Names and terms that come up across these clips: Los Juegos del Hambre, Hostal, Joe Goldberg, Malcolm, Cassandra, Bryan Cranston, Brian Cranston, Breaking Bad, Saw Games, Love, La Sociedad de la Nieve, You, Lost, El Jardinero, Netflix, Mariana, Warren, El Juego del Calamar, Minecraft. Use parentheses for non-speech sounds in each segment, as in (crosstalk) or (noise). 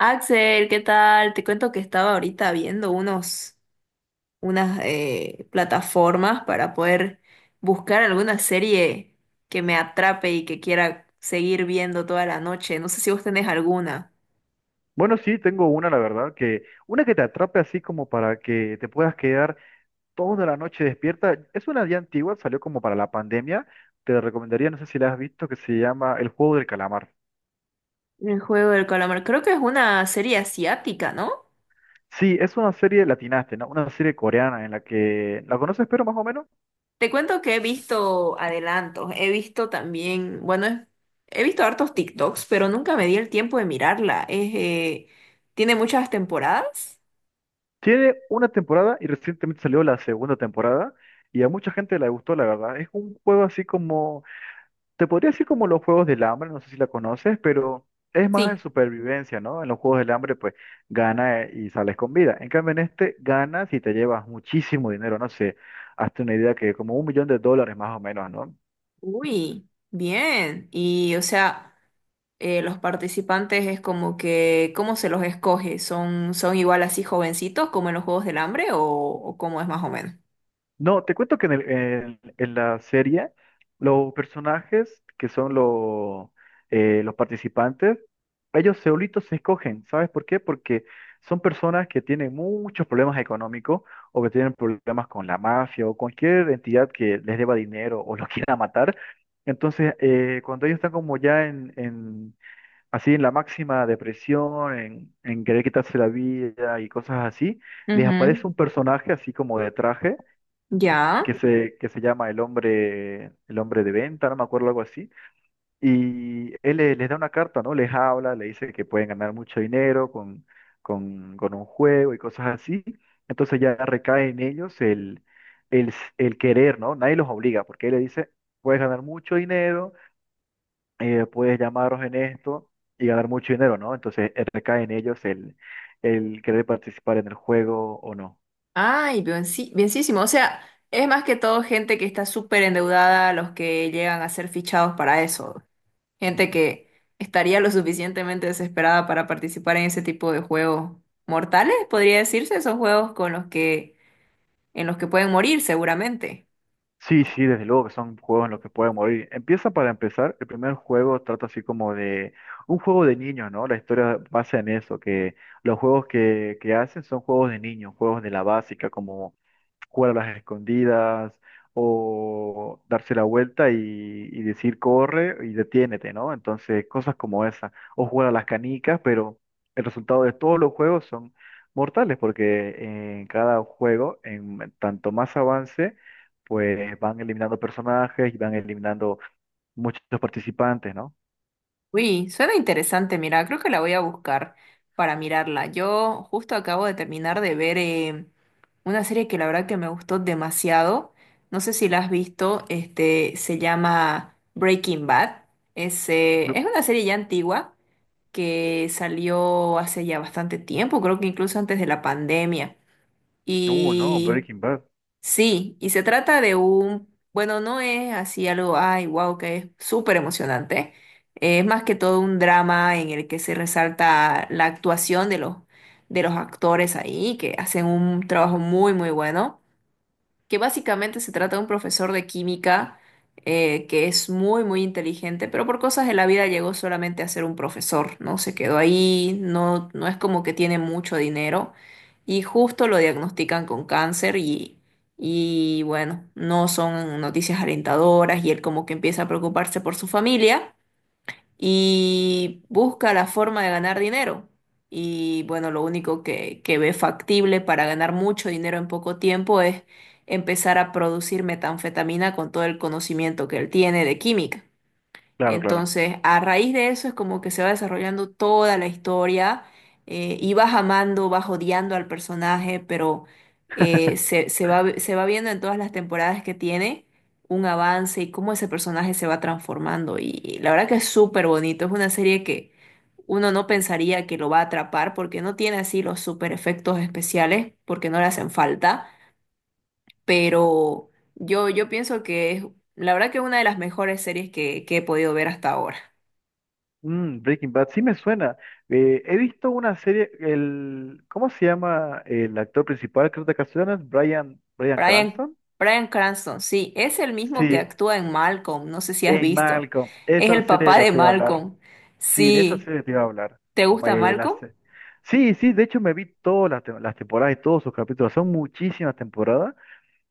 Axel, ¿qué tal? Te cuento que estaba ahorita viendo unas plataformas para poder buscar alguna serie que me atrape y que quiera seguir viendo toda la noche. No sé si vos tenés alguna. Bueno, sí, tengo una, la verdad, que una que te atrape así como para que te puedas quedar toda la noche despierta. Es una ya antigua, salió como para la pandemia. Te recomendaría, no sé si la has visto, que se llama El Juego del Calamar. El juego del calamar. Creo que es una serie asiática, ¿no? Sí, es una serie latinaste, ¿no? Una serie coreana en la que, ¿la conoces, pero más o menos? Te cuento que he visto adelantos. He visto también, bueno, he visto hartos TikToks, pero nunca me di el tiempo de mirarla. Es, ¿tiene muchas temporadas? Tiene una temporada y recientemente salió la segunda temporada y a mucha gente le gustó, la verdad. Es un juego así como te podría decir como los Juegos del Hambre, no sé si la conoces, pero es más de Sí. supervivencia, ¿no? En los Juegos del Hambre, pues gana y sales con vida. En cambio, en este ganas y te llevas muchísimo dinero, no sé, hazte una idea que como un millón de dólares más o menos, ¿no? Uy, bien. Y o sea, los participantes es como que, ¿cómo se los escoge? ¿Son, son igual así jovencitos como en los Juegos del Hambre o cómo es más o menos? No, te cuento que en la serie los personajes que son los participantes, ellos solitos se escogen. ¿Sabes por qué? Porque son personas que tienen muchos problemas económicos o que tienen problemas con la mafia o cualquier entidad que les deba dinero o los (laughs) quiera matar. Entonces, cuando ellos están como ya así en la máxima depresión, en querer quitarse la vida y cosas así, les aparece Ujú. un personaje así como de traje Ya. que se llama el hombre de venta, no me acuerdo, algo así. Y les da una carta, ¿no? Les habla, le dice que pueden ganar mucho dinero con un juego y cosas así. Entonces ya recae en ellos el querer, ¿no? Nadie los obliga, porque él le dice, puedes ganar mucho dinero, puedes llamaros en esto y ganar mucho dinero, ¿no? Entonces recae en ellos el querer participar en el juego o no. Ay, bien, sí, bienísimo. O sea, es más que todo gente que está súper endeudada, los que llegan a ser fichados para eso. Gente que estaría lo suficientemente desesperada para participar en ese tipo de juegos mortales, podría decirse. Son juegos con los que, en los que pueden morir seguramente. Sí, sí, desde luego que son juegos en los que pueden morir. Empieza para empezar, el primer juego trata así como de un juego de niños, ¿no? La historia basa en eso, que los juegos que hacen son juegos de niños, juegos de la básica, como jugar a las escondidas o darse la vuelta y decir corre y detiénete, ¿no? Entonces, cosas como esa. O jugar a las canicas, pero el resultado de todos los juegos son mortales, porque en cada juego, en tanto más avance, pues van eliminando personajes y van eliminando muchos participantes, ¿no? Uy, suena interesante, mira, creo que la voy a buscar para mirarla. Yo justo acabo de terminar de ver una serie que la verdad que me gustó demasiado. No sé si la has visto, este, se llama Breaking Bad. Es una serie ya antigua que salió hace ya bastante tiempo, creo que incluso antes de la pandemia. No, Y Breaking Bad. sí, y se trata de un, bueno, no es así algo, ay, wow, que es súper emocionante. Es más que todo un drama en el que se resalta la actuación de los actores ahí, que hacen un trabajo muy, muy bueno, que básicamente se trata de un profesor de química que es muy, muy inteligente, pero por cosas de la vida llegó solamente a ser un profesor, ¿no? Se quedó ahí, no, no es como que tiene mucho dinero, y justo lo diagnostican con cáncer y bueno, no son noticias alentadoras y él como que empieza a preocuparse por su familia y busca la forma de ganar dinero. Y bueno, lo único que ve factible para ganar mucho dinero en poco tiempo es empezar a producir metanfetamina con todo el conocimiento que él tiene de química. Claro, claro. Entonces, a raíz de eso es como que se va desarrollando toda la historia, y vas amando, vas odiando al personaje, pero se va viendo en todas las temporadas que tiene un avance y cómo ese personaje se va transformando. Y la verdad que es súper bonito, es una serie que uno no pensaría que lo va a atrapar porque no tiene así los super efectos especiales, porque no le hacen falta, pero yo pienso que es la verdad que una de las mejores series que he podido ver hasta ahora. Mm, Breaking Bad, sí me suena. He visto una serie, el, ¿cómo se llama el actor principal? Creo que de ocasiones, Brian, Bryan Brian, Cranston. Brian Cranston, sí, es el mismo que Sí, actúa en Malcolm, no sé si has en visto. Malcolm. Es Esa el serie de papá la de te iba a hablar. Malcolm. Sí, de esa Sí, serie te iba a hablar. ¿te gusta Eh, la Malcolm? se- sí, sí, de hecho me vi todas las temporadas y todos sus capítulos. Son muchísimas temporadas.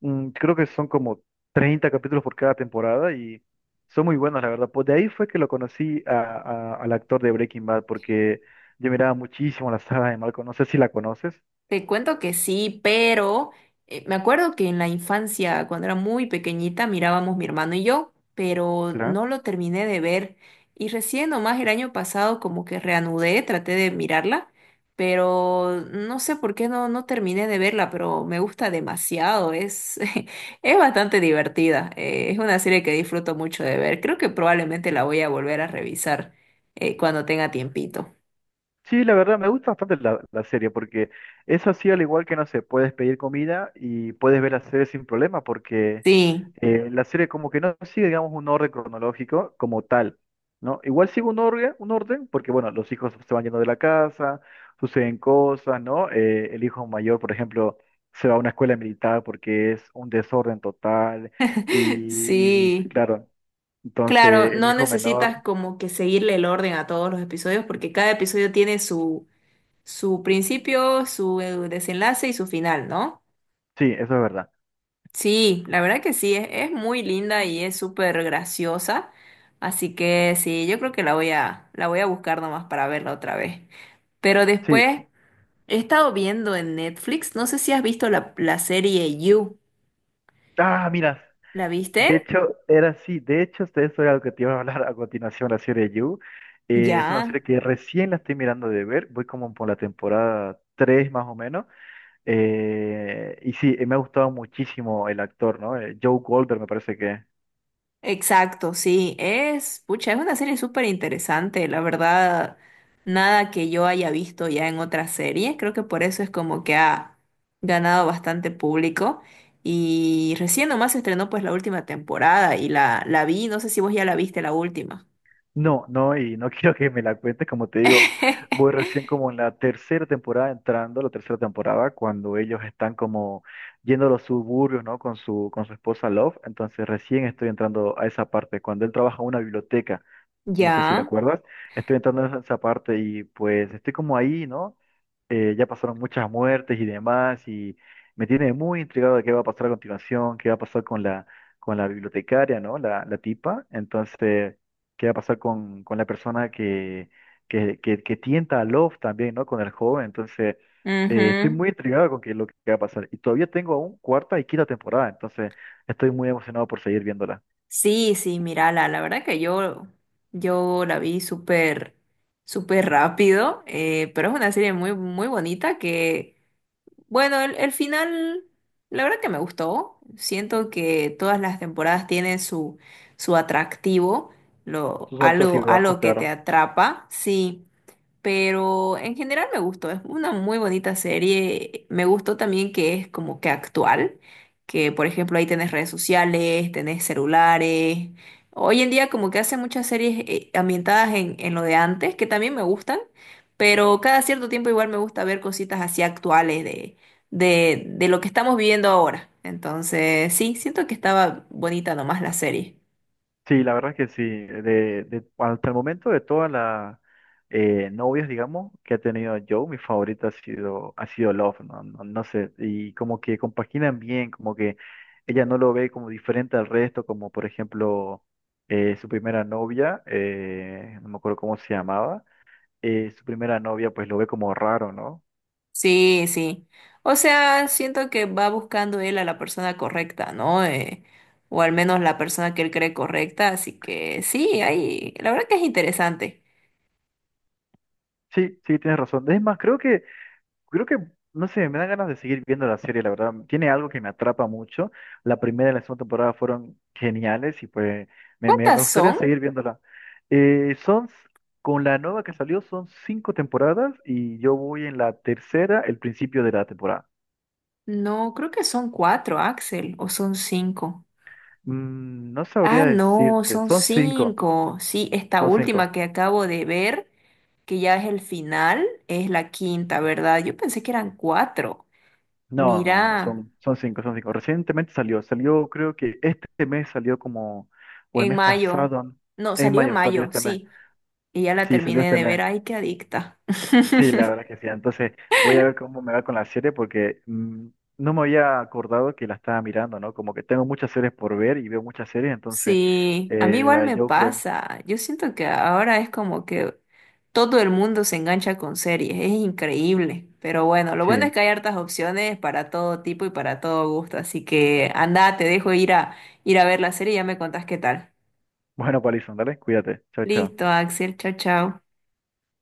Mm, creo que son como 30 capítulos por cada temporada y son muy buenos, la verdad. Pues de ahí fue que lo conocí al actor de Breaking Bad, porque yo miraba muchísimo la saga de Malcolm. No sé si la conoces. Te cuento que sí, pero me acuerdo que en la infancia, cuando era muy pequeñita, mirábamos mi hermano y yo, pero no lo terminé de ver. Y recién nomás el año pasado como que reanudé, traté de mirarla, pero no sé por qué no, no terminé de verla, pero me gusta demasiado, es, (laughs) es bastante divertida. Es una serie que disfruto mucho de ver. Creo que probablemente la voy a volver a revisar cuando tenga tiempito. Sí, la verdad me gusta bastante la serie porque eso así al igual que no sé, puedes pedir comida y puedes ver la serie sin problema porque Sí, la serie como que no sigue, digamos, un orden cronológico como tal, ¿no? Igual sigue un orden porque, bueno, los hijos se van yendo de la casa, suceden cosas, ¿no? El hijo mayor, por ejemplo, se va a una escuela militar porque es un desorden total (laughs) y sí, sí. claro, Claro, entonces el no hijo menor, necesitas como que seguirle el orden a todos los episodios porque cada episodio tiene su, su principio, su desenlace y su final, ¿no? sí, eso es verdad. Sí, la verdad que sí, es muy linda y es súper graciosa, así que sí, yo creo que la voy a buscar nomás para verla otra vez. Pero después Sí. he estado viendo en Netflix, no sé si has visto la, la serie You, Ah, mira. ¿la De viste? hecho, era así. De hecho, de eso era lo que te iba a hablar a continuación, la serie You. Es una Ya. serie que recién la estoy mirando de ver. Voy como por la temporada 3 más o menos. Y sí, me ha gustado muchísimo el actor, ¿no? Joe Goldberg me parece que... Exacto, sí, es, pucha, es una serie súper interesante, la verdad, nada que yo haya visto ya en otras series, creo que por eso es como que ha ganado bastante público, y recién nomás se estrenó pues la última temporada y la vi, no sé si vos ya la viste la última. No, no, y no (laughs) quiero que me la cuentes. Como te digo, voy (laughs) recién como en la tercera temporada entrando, la tercera temporada, cuando ellos están como yendo a los suburbios, ¿no? Con su esposa Love. Entonces recién estoy entrando a esa parte, cuando él trabaja en una biblioteca. No sé si te Ya, acuerdas. Estoy entrando en esa parte y pues estoy como ahí, ¿no? Ya pasaron muchas muertes y demás y me tiene muy intrigado de qué va a pasar a continuación, qué va a pasar con la bibliotecaria, ¿no? La tipa. Entonces, qué va a pasar con la persona que tienta a Love también, ¿no? Con el joven. Entonces, estoy ujú. muy intrigado con qué, lo que va a pasar. Y todavía tengo aún cuarta y quinta temporada, entonces estoy muy emocionado por seguir viéndola. Sí, sí, mírala, la verdad que yo la vi súper, súper rápido, pero es una serie muy, muy bonita que bueno, el final, la verdad que me gustó. Siento que todas las temporadas tienen su, su atractivo, lo, Sus altos y algo, bajos, algo que te claro. atrapa. Sí. Pero en general me gustó, es una muy bonita serie. Me gustó también que es como que actual, que por ejemplo ahí tenés redes sociales, tenés celulares. Hoy en día como que hacen muchas series ambientadas en lo de antes, que también me gustan, pero cada cierto tiempo igual me gusta ver cositas así actuales de lo que estamos viviendo ahora. Entonces sí, siento que estaba bonita nomás la serie. Sí, la verdad que sí. Hasta el momento de todas las novias, digamos, que ha tenido Joe, mi favorita ha sido Love, ¿no? No, no sé. Y como que compaginan bien, como que ella no lo ve como diferente al resto, como por ejemplo su primera novia, no me acuerdo cómo se llamaba, su primera novia pues lo ve como raro, ¿no? Sí, sí. O sea, siento que va buscando él a la persona correcta, ¿no? O al menos la persona que él cree correcta. Así que sí, ahí, la verdad que es interesante. Sí, sí, tienes razón. Es más, creo que creo que, no sé, me dan ganas de seguir viendo la serie, la verdad. Tiene algo que me atrapa mucho. La primera y la segunda temporada fueron geniales y pues me ¿Cuántas gustaría son? seguir viéndola. Eh, son, s- con la nueva que salió, son cinco temporadas y yo voy en la tercera, el principio de la temporada. No, creo que son cuatro, Axel, o son cinco. Mm, no Ah, sabría no, decirte, son son cinco, cinco. Sí, esta son cinco. última que acabo de ver, que ya es el final, es la quinta, ¿verdad? Yo pensé que eran cuatro. No, no, no, Mira, son, son cinco, son cinco. Recientemente salió, salió creo que este mes salió como, o el en mes mayo. pasado, No, en salió en mayo salió mayo, este mes. sí. Y ya la Sí, salió terminé este de ver, mes. ay, qué adicta. (laughs) Sí, la verdad que sí. Entonces voy a ver cómo me va con la serie porque mm, no me había acordado que la estaba mirando, ¿no? Como que tengo muchas series por ver y veo muchas series, entonces Sí, a mí la igual de me Joker, pasa. Yo siento que ahora es como que todo el mundo se engancha con series, es increíble. Pero bueno, lo bueno sí. es que hay hartas opciones para todo tipo y para todo gusto, así que anda, te dejo ir a ir a ver la serie y ya me contás qué tal. Bueno, Palison, dale, cuídate. Chao, chao. Listo, Axel, chao, chao.